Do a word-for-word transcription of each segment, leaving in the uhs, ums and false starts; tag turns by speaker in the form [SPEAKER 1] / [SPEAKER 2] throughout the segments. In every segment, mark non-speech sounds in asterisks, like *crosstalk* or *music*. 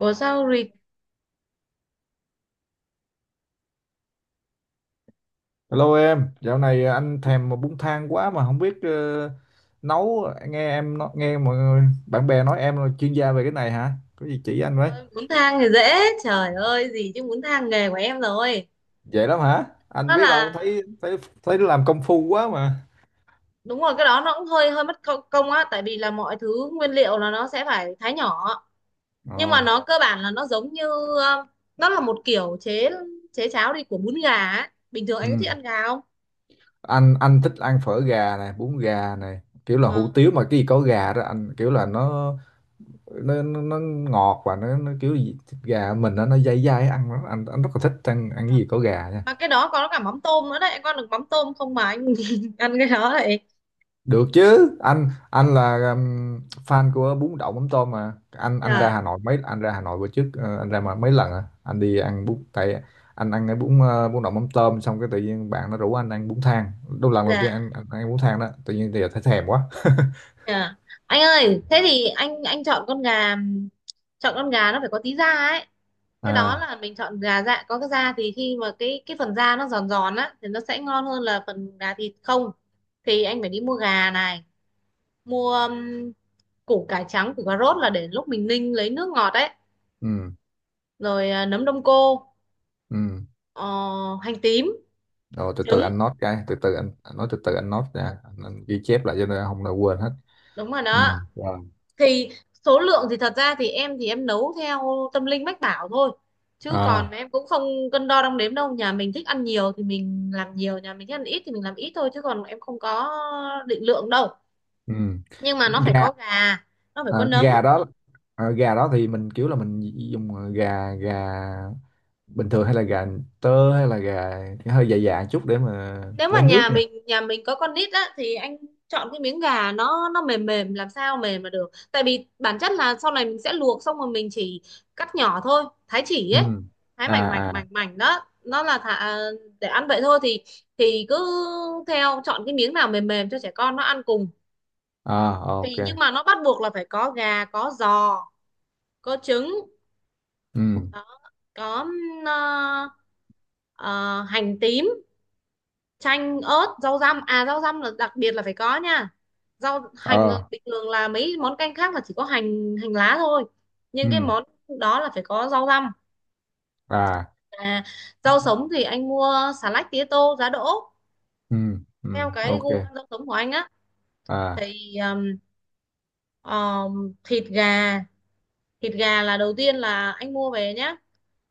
[SPEAKER 1] Ủa sao rịt
[SPEAKER 2] Hello em, dạo này anh thèm bún thang quá mà không biết ờ, nấu. Nghe em nó- nghe mọi người bạn bè nói em là chuyên gia về cái này hả? Có gì chỉ anh với?
[SPEAKER 1] ơi, muốn thang thì dễ. Trời ơi, gì chứ muốn thang nghề của em rồi.
[SPEAKER 2] Vậy lắm hả? Anh
[SPEAKER 1] Đó
[SPEAKER 2] biết
[SPEAKER 1] là
[SPEAKER 2] đâu, thấy thấy thấy nó làm công phu quá mà.
[SPEAKER 1] đúng rồi, cái đó nó cũng hơi hơi mất công công á, tại vì là mọi thứ nguyên liệu là nó sẽ phải thái nhỏ, nhưng mà
[SPEAKER 2] Ồ.
[SPEAKER 1] nó cơ bản là nó giống như ờ, nó là một kiểu chế chế cháo đi của bún gà á. Bình thường anh có
[SPEAKER 2] Ừ.
[SPEAKER 1] thích ăn gà không?
[SPEAKER 2] Anh anh thích ăn phở gà này, bún gà này, kiểu là hủ
[SPEAKER 1] Nó-
[SPEAKER 2] tiếu mà cái gì có gà đó anh kiểu là nó nó nó, nó ngọt và nó, nó kiểu gì, thịt gà mình nó nó dai dai ăn lắm. anh anh rất là thích ăn ăn cái gì có gà nha.
[SPEAKER 1] mà cái đó có cả mắm tôm nữa đấy, anh có được mắm tôm không mà anh *laughs* ăn cái đó vậy?
[SPEAKER 2] Được chứ, anh anh là um, fan của bún đậu mắm tôm mà. Anh anh ra
[SPEAKER 1] Trời,
[SPEAKER 2] Hà Nội mấy anh ra Hà Nội bữa trước, ờ, anh ra mà mấy lần à. Anh đi ăn bún tại anh ăn cái bún ờ, bún đậu mắm tôm xong cái tự nhiên bạn nó rủ anh ăn bún thang. Đó là lần đầu tiên
[SPEAKER 1] dạ.
[SPEAKER 2] anh, anh ăn bún thang đó, tự nhiên thì thấy thèm quá.
[SPEAKER 1] Dạ. Anh ơi, thế thì anh anh chọn con gà, chọn con gà nó phải có tí da ấy. Cái đó
[SPEAKER 2] À,
[SPEAKER 1] là mình chọn gà, dạ có cái da thì khi mà cái cái phần da nó giòn giòn á thì nó sẽ ngon hơn là phần gà thịt không. Thì anh phải đi mua gà này, mua um, củ cải trắng, củ cà rốt là để lúc mình ninh lấy nước ngọt ấy,
[SPEAKER 2] ừ
[SPEAKER 1] rồi à, nấm đông cô,
[SPEAKER 2] ừ.
[SPEAKER 1] ờ, hành tím,
[SPEAKER 2] Rồi từ từ
[SPEAKER 1] trứng,
[SPEAKER 2] anh note cái, từ từ anh anh nói từ từ anh note ra, anh, anh ghi chép lại cho nên không là quên hết.
[SPEAKER 1] đúng rồi
[SPEAKER 2] Ừ.
[SPEAKER 1] đó.
[SPEAKER 2] Rồi.
[SPEAKER 1] Thì số lượng thì thật ra thì em, thì em nấu theo tâm linh mách bảo thôi, chứ còn
[SPEAKER 2] À.
[SPEAKER 1] em cũng không cân đo đong đếm đâu. Nhà mình thích ăn nhiều thì mình làm nhiều, nhà mình thích ăn ít thì mình làm ít thôi, chứ còn em không có định lượng đâu.
[SPEAKER 2] Ừ.
[SPEAKER 1] Nhưng mà nó phải
[SPEAKER 2] Gà.
[SPEAKER 1] có gà, nó phải
[SPEAKER 2] À,
[SPEAKER 1] có nấm.
[SPEAKER 2] gà đó. À, gà đó thì mình kiểu là mình dùng gà gà bình thường hay là gà tơ hay là gà hơi dài dài chút để mà
[SPEAKER 1] Nếu mà
[SPEAKER 2] lấy nước
[SPEAKER 1] nhà
[SPEAKER 2] nha.
[SPEAKER 1] mình nhà mình có con nít á thì anh chọn cái miếng gà nó nó mềm mềm, làm sao mềm mà được, tại vì bản chất là sau này mình sẽ luộc xong rồi mình chỉ cắt nhỏ thôi, thái chỉ ấy,
[SPEAKER 2] Ừ.
[SPEAKER 1] thái
[SPEAKER 2] À
[SPEAKER 1] mảnh mảnh
[SPEAKER 2] à.
[SPEAKER 1] mảnh mảnh đó, nó là thả, để ăn vậy thôi. thì thì cứ theo chọn cái miếng nào mềm mềm cho trẻ con nó ăn cùng.
[SPEAKER 2] À. Ok.
[SPEAKER 1] Thì nhưng mà nó bắt buộc là phải có gà, có giò, có trứng.
[SPEAKER 2] Ừ.
[SPEAKER 1] Đó, có ừm, ờ, ờ, hành tím, chanh, ớt, rau răm, à rau răm là đặc biệt là phải có nha. Rau hành
[SPEAKER 2] Ờ.
[SPEAKER 1] bình thường là mấy món canh khác là chỉ có hành hành lá thôi,
[SPEAKER 2] Ừ.
[SPEAKER 1] nhưng cái món đó là phải có rau răm.
[SPEAKER 2] À.
[SPEAKER 1] À, rau sống thì anh mua xà lách, tía tô, giá đỗ,
[SPEAKER 2] Ừ
[SPEAKER 1] theo
[SPEAKER 2] ừ.
[SPEAKER 1] cái
[SPEAKER 2] Ok.
[SPEAKER 1] gu ăn rau sống của anh á.
[SPEAKER 2] À.
[SPEAKER 1] Thì um, um, thịt gà, thịt gà là đầu tiên là anh mua về nhá,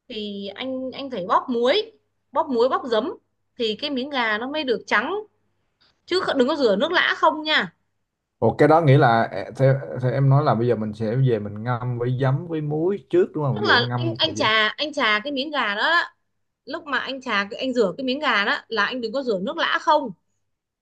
[SPEAKER 1] thì anh anh phải bóp muối, bóp muối bóp giấm, thì cái miếng gà nó mới được trắng, chứ kh- đừng có rửa nước lã không nha.
[SPEAKER 2] Ủa cái đó nghĩa là e- theo, theo em nói là bây giờ mình sẽ về mình ngâm với giấm với muối trước đúng không?
[SPEAKER 1] Tức
[SPEAKER 2] Ví dụ
[SPEAKER 1] là
[SPEAKER 2] ngâm
[SPEAKER 1] anh
[SPEAKER 2] một thời
[SPEAKER 1] anh
[SPEAKER 2] gian.
[SPEAKER 1] chà, anh chà cái miếng gà đó á, lúc mà anh chà cái, anh rửa cái miếng gà đó là anh đừng có rửa nước lã không,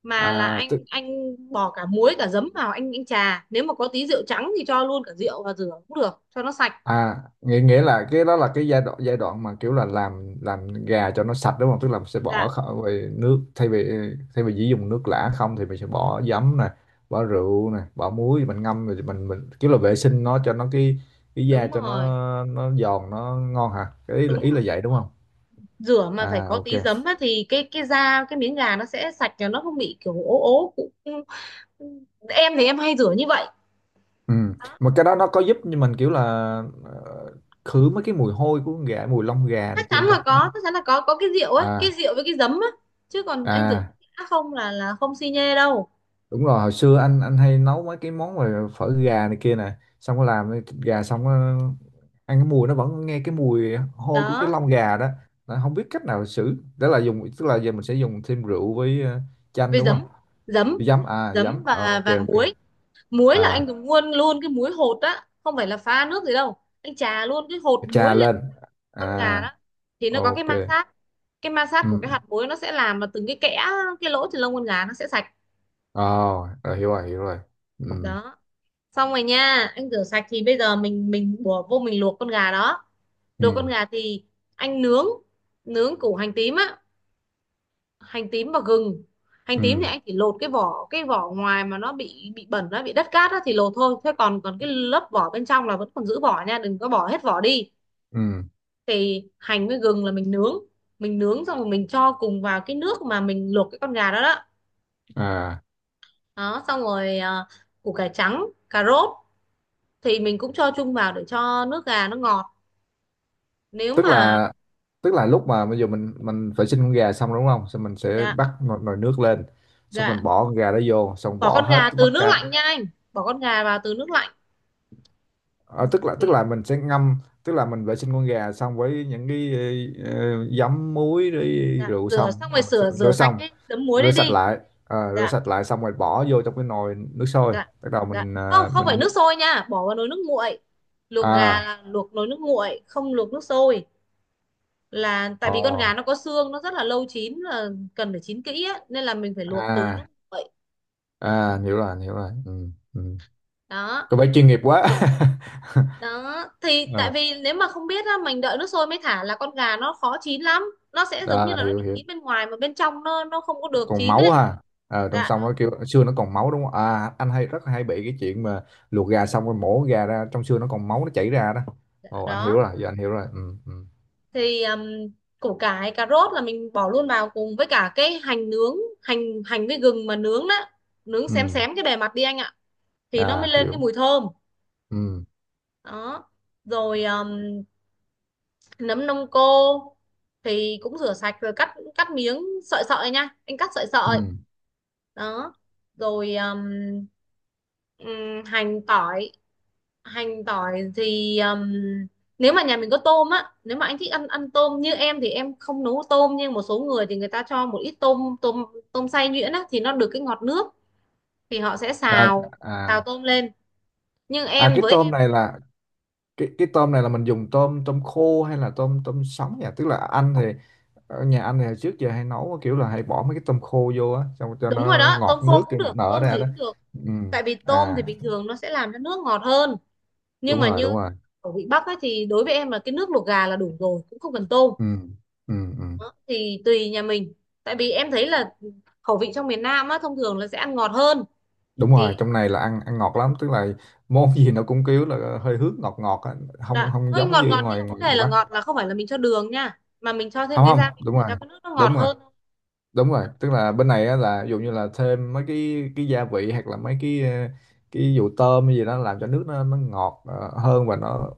[SPEAKER 1] mà là
[SPEAKER 2] À,
[SPEAKER 1] anh anh bỏ cả muối cả giấm vào, anh anh chà, nếu mà có tí rượu trắng thì cho luôn cả rượu và rửa cũng được cho nó sạch.
[SPEAKER 2] à nghĩa nghĩa là cái đó là cái giai đoạn giai đoạn mà kiểu là làm làm gà cho nó sạch đúng không, tức là mình sẽ bỏ
[SPEAKER 1] Dạ
[SPEAKER 2] kho- về nước, thay vì thay vì chỉ dùng nước lã không, thì mình sẽ bỏ giấm nè, bỏ rượu nè, bỏ muối, mình ngâm rồi mình mình kiểu là vệ sinh nó cho nó cái cái da
[SPEAKER 1] đúng
[SPEAKER 2] cho
[SPEAKER 1] rồi,
[SPEAKER 2] nó nó giòn nó ngon hả, cái ý là
[SPEAKER 1] đúng
[SPEAKER 2] ý là
[SPEAKER 1] rồi đúng
[SPEAKER 2] vậy đúng
[SPEAKER 1] rồi.
[SPEAKER 2] không?
[SPEAKER 1] Rửa mà phải
[SPEAKER 2] À,
[SPEAKER 1] có
[SPEAKER 2] ok.
[SPEAKER 1] tí giấm á, thì cái cái da, cái miếng gà nó sẽ sạch cho nó không bị kiểu ố ố cũng. Em thì em hay rửa như vậy.
[SPEAKER 2] Ừ. Mà cái đó nó có giúp như mình kiểu là ờ, khử mấy cái mùi hôi của con gà, mùi lông gà này
[SPEAKER 1] Chắc
[SPEAKER 2] kia
[SPEAKER 1] chắn
[SPEAKER 2] không ta?
[SPEAKER 1] là
[SPEAKER 2] Nó-
[SPEAKER 1] có, chắc chắn là có có cái rượu ấy, cái
[SPEAKER 2] à
[SPEAKER 1] rượu với cái giấm á, chứ còn anh rửa
[SPEAKER 2] à.
[SPEAKER 1] khác không là là không xi nhê đâu.
[SPEAKER 2] Đúng rồi hồi xưa anh anh hay nấu mấy cái món mà phở gà này kia nè, xong có làm cái thịt gà xong có ăn, cái mùi nó vẫn nghe cái mùi hôi của cái
[SPEAKER 1] Đó,
[SPEAKER 2] lông gà đó, nó không biết cách nào xử, đó là dùng, tức là giờ mình sẽ dùng thêm rượu với ờ, chanh
[SPEAKER 1] với
[SPEAKER 2] đúng không?
[SPEAKER 1] giấm, giấm
[SPEAKER 2] Với giấm, à giấm.
[SPEAKER 1] giấm
[SPEAKER 2] Ờ,
[SPEAKER 1] và
[SPEAKER 2] ok
[SPEAKER 1] và
[SPEAKER 2] ok.
[SPEAKER 1] muối. Muối là anh
[SPEAKER 2] À,
[SPEAKER 1] dùng luôn luôn cái muối hột á, không phải là pha nước gì đâu, anh chà luôn cái hột muối
[SPEAKER 2] trà
[SPEAKER 1] lên
[SPEAKER 2] lên. À.
[SPEAKER 1] con gà đó, thì nó có cái ma
[SPEAKER 2] Ok.
[SPEAKER 1] sát, cái ma sát của cái
[SPEAKER 2] Ừ.
[SPEAKER 1] hạt muối nó sẽ làm là từng cái kẽ, cái lỗ trên lông con gà nó sẽ sạch.
[SPEAKER 2] Ờ. Rồi, hiểu rồi hiểu rồi. Ừ
[SPEAKER 1] Đó xong rồi nha, anh rửa sạch thì bây giờ mình mình bỏ vô mình luộc con gà đó. Đồ con
[SPEAKER 2] ừ
[SPEAKER 1] gà thì anh nướng, nướng củ hành tím á, hành tím và gừng. Hành tím thì
[SPEAKER 2] ừ
[SPEAKER 1] anh chỉ lột cái vỏ, cái vỏ ngoài mà nó bị bị bẩn, nó bị đất cát á thì lột thôi, thế còn còn cái lớp vỏ bên trong là vẫn còn giữ vỏ nha, đừng có bỏ hết vỏ đi.
[SPEAKER 2] ừ.
[SPEAKER 1] Thì hành với gừng là mình nướng, mình nướng xong rồi mình cho cùng vào cái nước mà mình luộc cái con gà đó đó.
[SPEAKER 2] À
[SPEAKER 1] Đó xong rồi à, củ cải trắng, cà rốt thì mình cũng cho chung vào để cho nước gà nó ngọt. Nếu
[SPEAKER 2] tức
[SPEAKER 1] mà
[SPEAKER 2] là tức là lúc mà bây giờ mình mình vệ sinh con gà xong đúng không, xong mình sẽ
[SPEAKER 1] gà,
[SPEAKER 2] bắt nồi, nồi nước lên, xong mình
[SPEAKER 1] gà
[SPEAKER 2] bỏ con gà đó vô xong
[SPEAKER 1] bỏ
[SPEAKER 2] bỏ
[SPEAKER 1] con
[SPEAKER 2] hết
[SPEAKER 1] gà
[SPEAKER 2] tất
[SPEAKER 1] từ nước
[SPEAKER 2] cả.
[SPEAKER 1] lạnh nha anh, bỏ con gà vào từ nước lạnh.
[SPEAKER 2] Ờ, tức là tức là mình sẽ ngâm, tức là mình vệ sinh con gà xong với những cái ờ, ờ, giấm muối rồi
[SPEAKER 1] Dạ
[SPEAKER 2] rượu,
[SPEAKER 1] rửa
[SPEAKER 2] xong
[SPEAKER 1] xong rồi,
[SPEAKER 2] rồi mình sẽ
[SPEAKER 1] sửa
[SPEAKER 2] rửa
[SPEAKER 1] rửa sạch
[SPEAKER 2] xong,
[SPEAKER 1] cái đấm muối
[SPEAKER 2] rửa
[SPEAKER 1] đấy
[SPEAKER 2] sạch
[SPEAKER 1] đi.
[SPEAKER 2] lại. Ờ, rửa
[SPEAKER 1] Dạ
[SPEAKER 2] sạch lại xong rồi bỏ vô trong cái nồi nước sôi,
[SPEAKER 1] dạ
[SPEAKER 2] bắt đầu
[SPEAKER 1] dạ.
[SPEAKER 2] mình
[SPEAKER 1] Không,
[SPEAKER 2] à,
[SPEAKER 1] không phải
[SPEAKER 2] mình.
[SPEAKER 1] nước sôi nha, bỏ vào nồi nước nguội. Luộc gà
[SPEAKER 2] À.
[SPEAKER 1] là luộc nồi nước nguội, không luộc nước sôi. Là tại
[SPEAKER 2] Ồ.
[SPEAKER 1] vì con gà nó có xương, nó rất là lâu chín, là cần phải chín kỹ á, nên là mình phải luộc từ nước
[SPEAKER 2] À.
[SPEAKER 1] nguội.
[SPEAKER 2] À hiểu rồi hiểu rồi. Ừ, ừ.
[SPEAKER 1] Đó
[SPEAKER 2] Có vẻ chuyên nghiệp quá. *laughs*
[SPEAKER 1] đó, thì tại
[SPEAKER 2] Ờ.
[SPEAKER 1] vì nếu mà không biết á, mình đợi nước sôi mới thả là con gà nó khó chín lắm, nó sẽ giống như
[SPEAKER 2] À,
[SPEAKER 1] là nó
[SPEAKER 2] hiểu
[SPEAKER 1] bị
[SPEAKER 2] hiểu.
[SPEAKER 1] chín bên ngoài mà bên trong nó nó không có được
[SPEAKER 2] Còn
[SPEAKER 1] chín
[SPEAKER 2] máu
[SPEAKER 1] ấy.
[SPEAKER 2] ha. Ờ, trong
[SPEAKER 1] Dạ
[SPEAKER 2] xương, nó kêu xương nó còn máu đúng không, à anh hay rất hay bị cái chuyện mà luộc gà xong rồi mổ gà ra trong xương nó còn máu nó chảy ra đó. Ồ anh hiểu
[SPEAKER 1] đó
[SPEAKER 2] rồi, giờ anh hiểu rồi. Ừ ừ.
[SPEAKER 1] thì um, củ cải cà rốt là mình bỏ luôn vào cùng với cả cái hành nướng, hành hành với gừng mà nướng đó, nướng xém
[SPEAKER 2] Ừ.
[SPEAKER 1] xém cái bề mặt đi anh ạ, thì nó mới
[SPEAKER 2] À
[SPEAKER 1] lên cái
[SPEAKER 2] hiểu.
[SPEAKER 1] mùi thơm.
[SPEAKER 2] Ừ
[SPEAKER 1] Đó rồi um, nấm đông cô thì cũng rửa sạch rồi cắt cắt miếng, sợi sợi nha anh, cắt sợi
[SPEAKER 2] ừ.
[SPEAKER 1] sợi. Đó rồi um, ừm, hành tỏi, hành tỏi thì um, nếu mà nhà mình có tôm á, nếu mà anh thích ăn, ăn tôm. Như em thì em không nấu tôm, nhưng một số người thì người ta cho một ít tôm, tôm tôm xay nhuyễn á thì nó được cái ngọt nước, thì họ sẽ
[SPEAKER 2] À,
[SPEAKER 1] xào,
[SPEAKER 2] à.
[SPEAKER 1] xào tôm lên. Nhưng
[SPEAKER 2] À
[SPEAKER 1] em
[SPEAKER 2] cái
[SPEAKER 1] với
[SPEAKER 2] tôm
[SPEAKER 1] em,
[SPEAKER 2] này là, cái cái tôm này là mình dùng tôm tôm khô hay là tôm tôm sống nhỉ, tức là anh thì ở nhà anh thì trước giờ hay nấu kiểu là hay bỏ mấy cái tôm khô vô á, xong cho
[SPEAKER 1] đúng rồi
[SPEAKER 2] nó
[SPEAKER 1] đó, tôm
[SPEAKER 2] ngọt nước
[SPEAKER 1] khô cũng
[SPEAKER 2] cho nó
[SPEAKER 1] được,
[SPEAKER 2] nở
[SPEAKER 1] tôm
[SPEAKER 2] ra
[SPEAKER 1] gì
[SPEAKER 2] đó.
[SPEAKER 1] cũng được,
[SPEAKER 2] Ừ.
[SPEAKER 1] tại vì tôm
[SPEAKER 2] À
[SPEAKER 1] thì bình thường nó sẽ làm cho nước ngọt hơn. Nhưng
[SPEAKER 2] đúng
[SPEAKER 1] mà
[SPEAKER 2] rồi
[SPEAKER 1] như
[SPEAKER 2] đúng rồi.
[SPEAKER 1] ở vị Bắc ấy thì đối với em là cái nước luộc gà là đủ rồi, cũng không cần tôm,
[SPEAKER 2] Ừ ừ ừ.
[SPEAKER 1] thì tùy nhà mình. Tại vì em thấy là khẩu vị trong miền Nam á thông thường là sẽ ăn ngọt hơn.
[SPEAKER 2] Đúng
[SPEAKER 1] Thì
[SPEAKER 2] rồi, trong này là ăn ăn ngọt lắm, tức là món gì nó cũng kiểu là hơi hướng ngọt ngọt á. Không,
[SPEAKER 1] đã
[SPEAKER 2] không
[SPEAKER 1] hơi
[SPEAKER 2] giống
[SPEAKER 1] ngọt
[SPEAKER 2] như
[SPEAKER 1] ngọt, nhưng
[SPEAKER 2] ngoài
[SPEAKER 1] mà vấn
[SPEAKER 2] ngoài,
[SPEAKER 1] đề
[SPEAKER 2] ngoài
[SPEAKER 1] là ngọt
[SPEAKER 2] Bắc.
[SPEAKER 1] là không phải là mình cho đường nha, mà mình cho thêm
[SPEAKER 2] Không
[SPEAKER 1] cái
[SPEAKER 2] không,
[SPEAKER 1] gia vị
[SPEAKER 2] đúng
[SPEAKER 1] để
[SPEAKER 2] rồi
[SPEAKER 1] cho cái nước nó ngọt
[SPEAKER 2] đúng rồi
[SPEAKER 1] hơn.
[SPEAKER 2] đúng
[SPEAKER 1] Dạ,
[SPEAKER 2] rồi, tức là bên này á, là ví dụ như là thêm mấy cái cái gia vị hoặc là mấy cái ờ, cái vụ tôm hay gì đó làm cho nước nó nó ngọt ờ, hơn và nó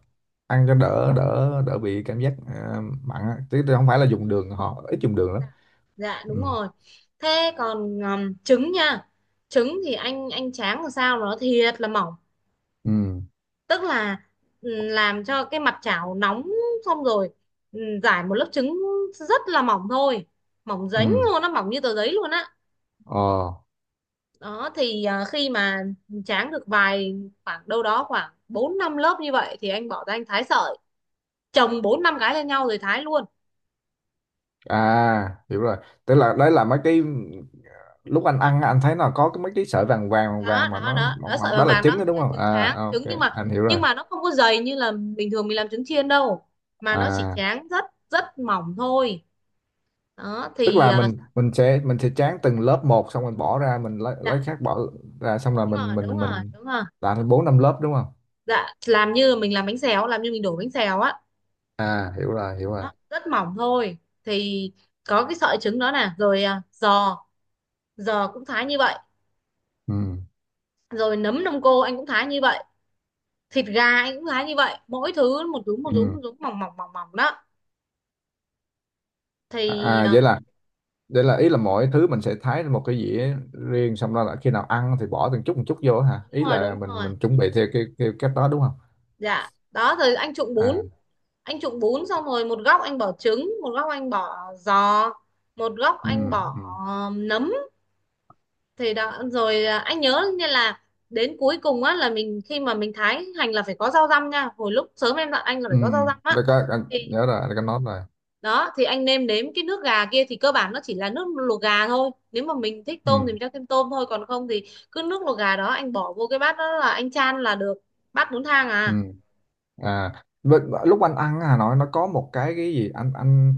[SPEAKER 2] ăn cho đỡ đỡ đỡ bị cảm giác ờ, mặn á. Chứ không phải là dùng đường, họ ít dùng đường lắm.
[SPEAKER 1] dạ đúng
[SPEAKER 2] Ừ
[SPEAKER 1] rồi. Thế còn um, trứng nha, trứng thì anh anh tráng làm sao nó thiệt là mỏng,
[SPEAKER 2] ừ
[SPEAKER 1] tức là ừ, làm cho cái mặt chảo nóng, xong rồi ừ, rải một lớp trứng rất là mỏng thôi, mỏng dính
[SPEAKER 2] ừ.
[SPEAKER 1] luôn, nó mỏng như tờ giấy luôn á.
[SPEAKER 2] Ờ.
[SPEAKER 1] Đó thì à, khi mà tráng được vài, khoảng đâu đó khoảng bốn năm lớp như vậy thì anh bỏ ra anh thái sợi, chồng bốn năm cái lên nhau rồi thái luôn.
[SPEAKER 2] À hiểu rồi, tức là đấy là mấy cái lúc anh ăn á, anh thấy nó có cái mấy cái sợi vàng vàng vàng
[SPEAKER 1] Đó
[SPEAKER 2] vàng mà
[SPEAKER 1] đó
[SPEAKER 2] nó
[SPEAKER 1] đó đó,
[SPEAKER 2] mỏng
[SPEAKER 1] sợi
[SPEAKER 2] mỏng đó
[SPEAKER 1] vàng
[SPEAKER 2] là
[SPEAKER 1] vàng
[SPEAKER 2] trứng đó
[SPEAKER 1] đó
[SPEAKER 2] đúng
[SPEAKER 1] là
[SPEAKER 2] không?
[SPEAKER 1] trứng,
[SPEAKER 2] À
[SPEAKER 1] tráng
[SPEAKER 2] ok,
[SPEAKER 1] trứng, nhưng mà
[SPEAKER 2] anh hiểu rồi.
[SPEAKER 1] nhưng mà nó không có dày như là bình thường mình làm trứng chiên đâu, mà nó chỉ
[SPEAKER 2] À
[SPEAKER 1] tráng rất, rất mỏng thôi. Đó
[SPEAKER 2] tức
[SPEAKER 1] thì
[SPEAKER 2] là
[SPEAKER 1] à,
[SPEAKER 2] mình mình sẽ mình sẽ tráng từng lớp một, xong mình bỏ ra mình lấy
[SPEAKER 1] dạ
[SPEAKER 2] lấy khác bỏ ra, xong
[SPEAKER 1] đúng
[SPEAKER 2] rồi mình
[SPEAKER 1] rồi, đúng
[SPEAKER 2] mình
[SPEAKER 1] rồi
[SPEAKER 2] mình
[SPEAKER 1] đúng rồi.
[SPEAKER 2] làm thành bốn năm lớp đúng không?
[SPEAKER 1] Dạ làm như mình làm bánh xèo, làm như mình đổ bánh xèo á,
[SPEAKER 2] À hiểu rồi hiểu rồi.
[SPEAKER 1] đó, rất mỏng thôi. Thì có cái sợi trứng đó nè, rồi à, giò, giò cũng thái như vậy,
[SPEAKER 2] Ừ
[SPEAKER 1] rồi nấm đông cô anh cũng thái như vậy, thịt gà anh cũng thái như vậy, mỗi thứ một nhúm, một nhúm
[SPEAKER 2] ừ.
[SPEAKER 1] một nhúm, mỏng mỏng mỏng mỏng đó.
[SPEAKER 2] À.
[SPEAKER 1] Thì
[SPEAKER 2] À,
[SPEAKER 1] ờ,
[SPEAKER 2] vậy là vậy là ý là mỗi thứ mình sẽ thái lên một cái dĩa riêng, xong đó là khi nào ăn thì bỏ từng chút một chút vô hả,
[SPEAKER 1] đúng
[SPEAKER 2] ý
[SPEAKER 1] rồi đúng
[SPEAKER 2] là mình
[SPEAKER 1] rồi.
[SPEAKER 2] mình chuẩn bị theo cái theo cách đó đúng không?
[SPEAKER 1] Dạ đó, rồi anh trụng bún,
[SPEAKER 2] À.
[SPEAKER 1] anh trụng bún xong rồi một góc anh bỏ trứng, một góc anh bỏ giò, một góc
[SPEAKER 2] Ừ
[SPEAKER 1] anh bỏ
[SPEAKER 2] ừ.
[SPEAKER 1] ờ, nấm. Thì đó rồi ờ, anh nhớ như là đến cuối cùng á là mình, khi mà mình thái hành là phải có rau răm nha, hồi lúc sớm em dặn anh là
[SPEAKER 2] Ừ.
[SPEAKER 1] phải có rau răm á.
[SPEAKER 2] Đây có- anh nhớ rồi, anh có nói rồi.
[SPEAKER 1] Đó thì anh nêm nếm cái nước gà kia, thì cơ bản nó chỉ là nước luộc gà thôi, nếu mà mình thích tôm
[SPEAKER 2] Ừ
[SPEAKER 1] thì mình cho thêm tôm thôi, còn không thì cứ nước luộc gà đó anh bỏ vô cái bát, đó là anh chan là được bát bún thang.
[SPEAKER 2] ừ.
[SPEAKER 1] À
[SPEAKER 2] À vậy- lúc anh ăn à, nói nó có một cái cái gì, anh anh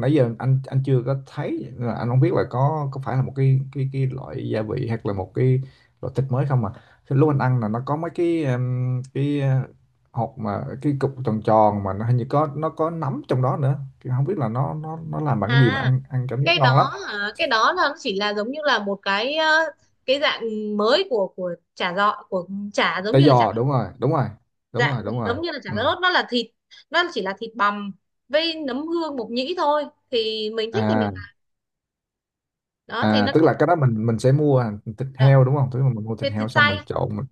[SPEAKER 2] nãy giờ anh anh chưa có thấy, là anh không biết là có có phải là một cái cái cái loại gia vị hoặc là một cái loại thịt mới không mà, thì lúc anh ăn là nó có mấy cái um, cái uh, hột mà cái cục tròn tròn mà nó hình như có, nó có nấm trong đó nữa. Thì không biết là nó nó nó làm bằng cái gì mà
[SPEAKER 1] à,
[SPEAKER 2] ăn ăn cảm giác
[SPEAKER 1] cái
[SPEAKER 2] ngon lắm.
[SPEAKER 1] đó hả? Cái đó là nó chỉ là giống như là một cái ờ, cái dạng mới của của chả giò, của chả, giống
[SPEAKER 2] Tỏi
[SPEAKER 1] như là chả,
[SPEAKER 2] giò, đúng rồi đúng rồi đúng
[SPEAKER 1] dạng
[SPEAKER 2] rồi đúng rồi.
[SPEAKER 1] giống như là chả
[SPEAKER 2] Ừ.
[SPEAKER 1] lót, nó là thịt, nó chỉ là thịt bằm với nấm hương, mộc nhĩ thôi, thì mình thích thì mình
[SPEAKER 2] À
[SPEAKER 1] ăn. Đó thì
[SPEAKER 2] à,
[SPEAKER 1] nó,
[SPEAKER 2] tức là cái đó mình mình sẽ mua thịt
[SPEAKER 1] đó,
[SPEAKER 2] heo đúng không, tức là mình mua thịt
[SPEAKER 1] thịt
[SPEAKER 2] heo
[SPEAKER 1] thịt
[SPEAKER 2] xong
[SPEAKER 1] xay,
[SPEAKER 2] mình trộn mình.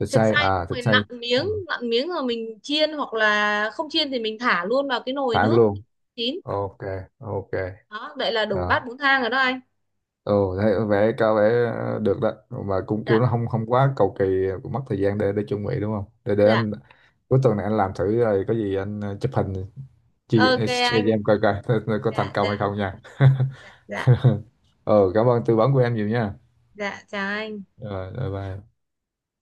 [SPEAKER 2] Thịt
[SPEAKER 1] thịt
[SPEAKER 2] xay,
[SPEAKER 1] xay
[SPEAKER 2] à
[SPEAKER 1] xong
[SPEAKER 2] thịt
[SPEAKER 1] rồi
[SPEAKER 2] xay.
[SPEAKER 1] nặn
[SPEAKER 2] Ừ.
[SPEAKER 1] miếng, nặn miếng rồi mình chiên, hoặc là không chiên thì mình thả luôn vào cái nồi
[SPEAKER 2] Thả
[SPEAKER 1] nước
[SPEAKER 2] luôn.
[SPEAKER 1] chín.
[SPEAKER 2] Ok ok.
[SPEAKER 1] Đó vậy là đủ
[SPEAKER 2] Đó.
[SPEAKER 1] bát bún thang rồi đó anh.
[SPEAKER 2] Ồ thấy có vẻ có vẻ ờ, được đó mà cũng
[SPEAKER 1] Dạ
[SPEAKER 2] kêu nó không không quá cầu kỳ, cũng mất thời gian để để chuẩn bị đúng không, để để
[SPEAKER 1] dạ,
[SPEAKER 2] anh cuối tuần này anh làm thử, rồi có gì anh ờ, chụp hình, chia
[SPEAKER 1] ok
[SPEAKER 2] share
[SPEAKER 1] anh.
[SPEAKER 2] cho em coi coi *laughs* coi có thành
[SPEAKER 1] Dạ
[SPEAKER 2] công hay
[SPEAKER 1] dạ.
[SPEAKER 2] không nha.
[SPEAKER 1] Dạ dạ
[SPEAKER 2] *laughs* Ừ cảm ơn tư vấn của em nhiều nha.
[SPEAKER 1] dạ chào anh.
[SPEAKER 2] Rồi bye bye.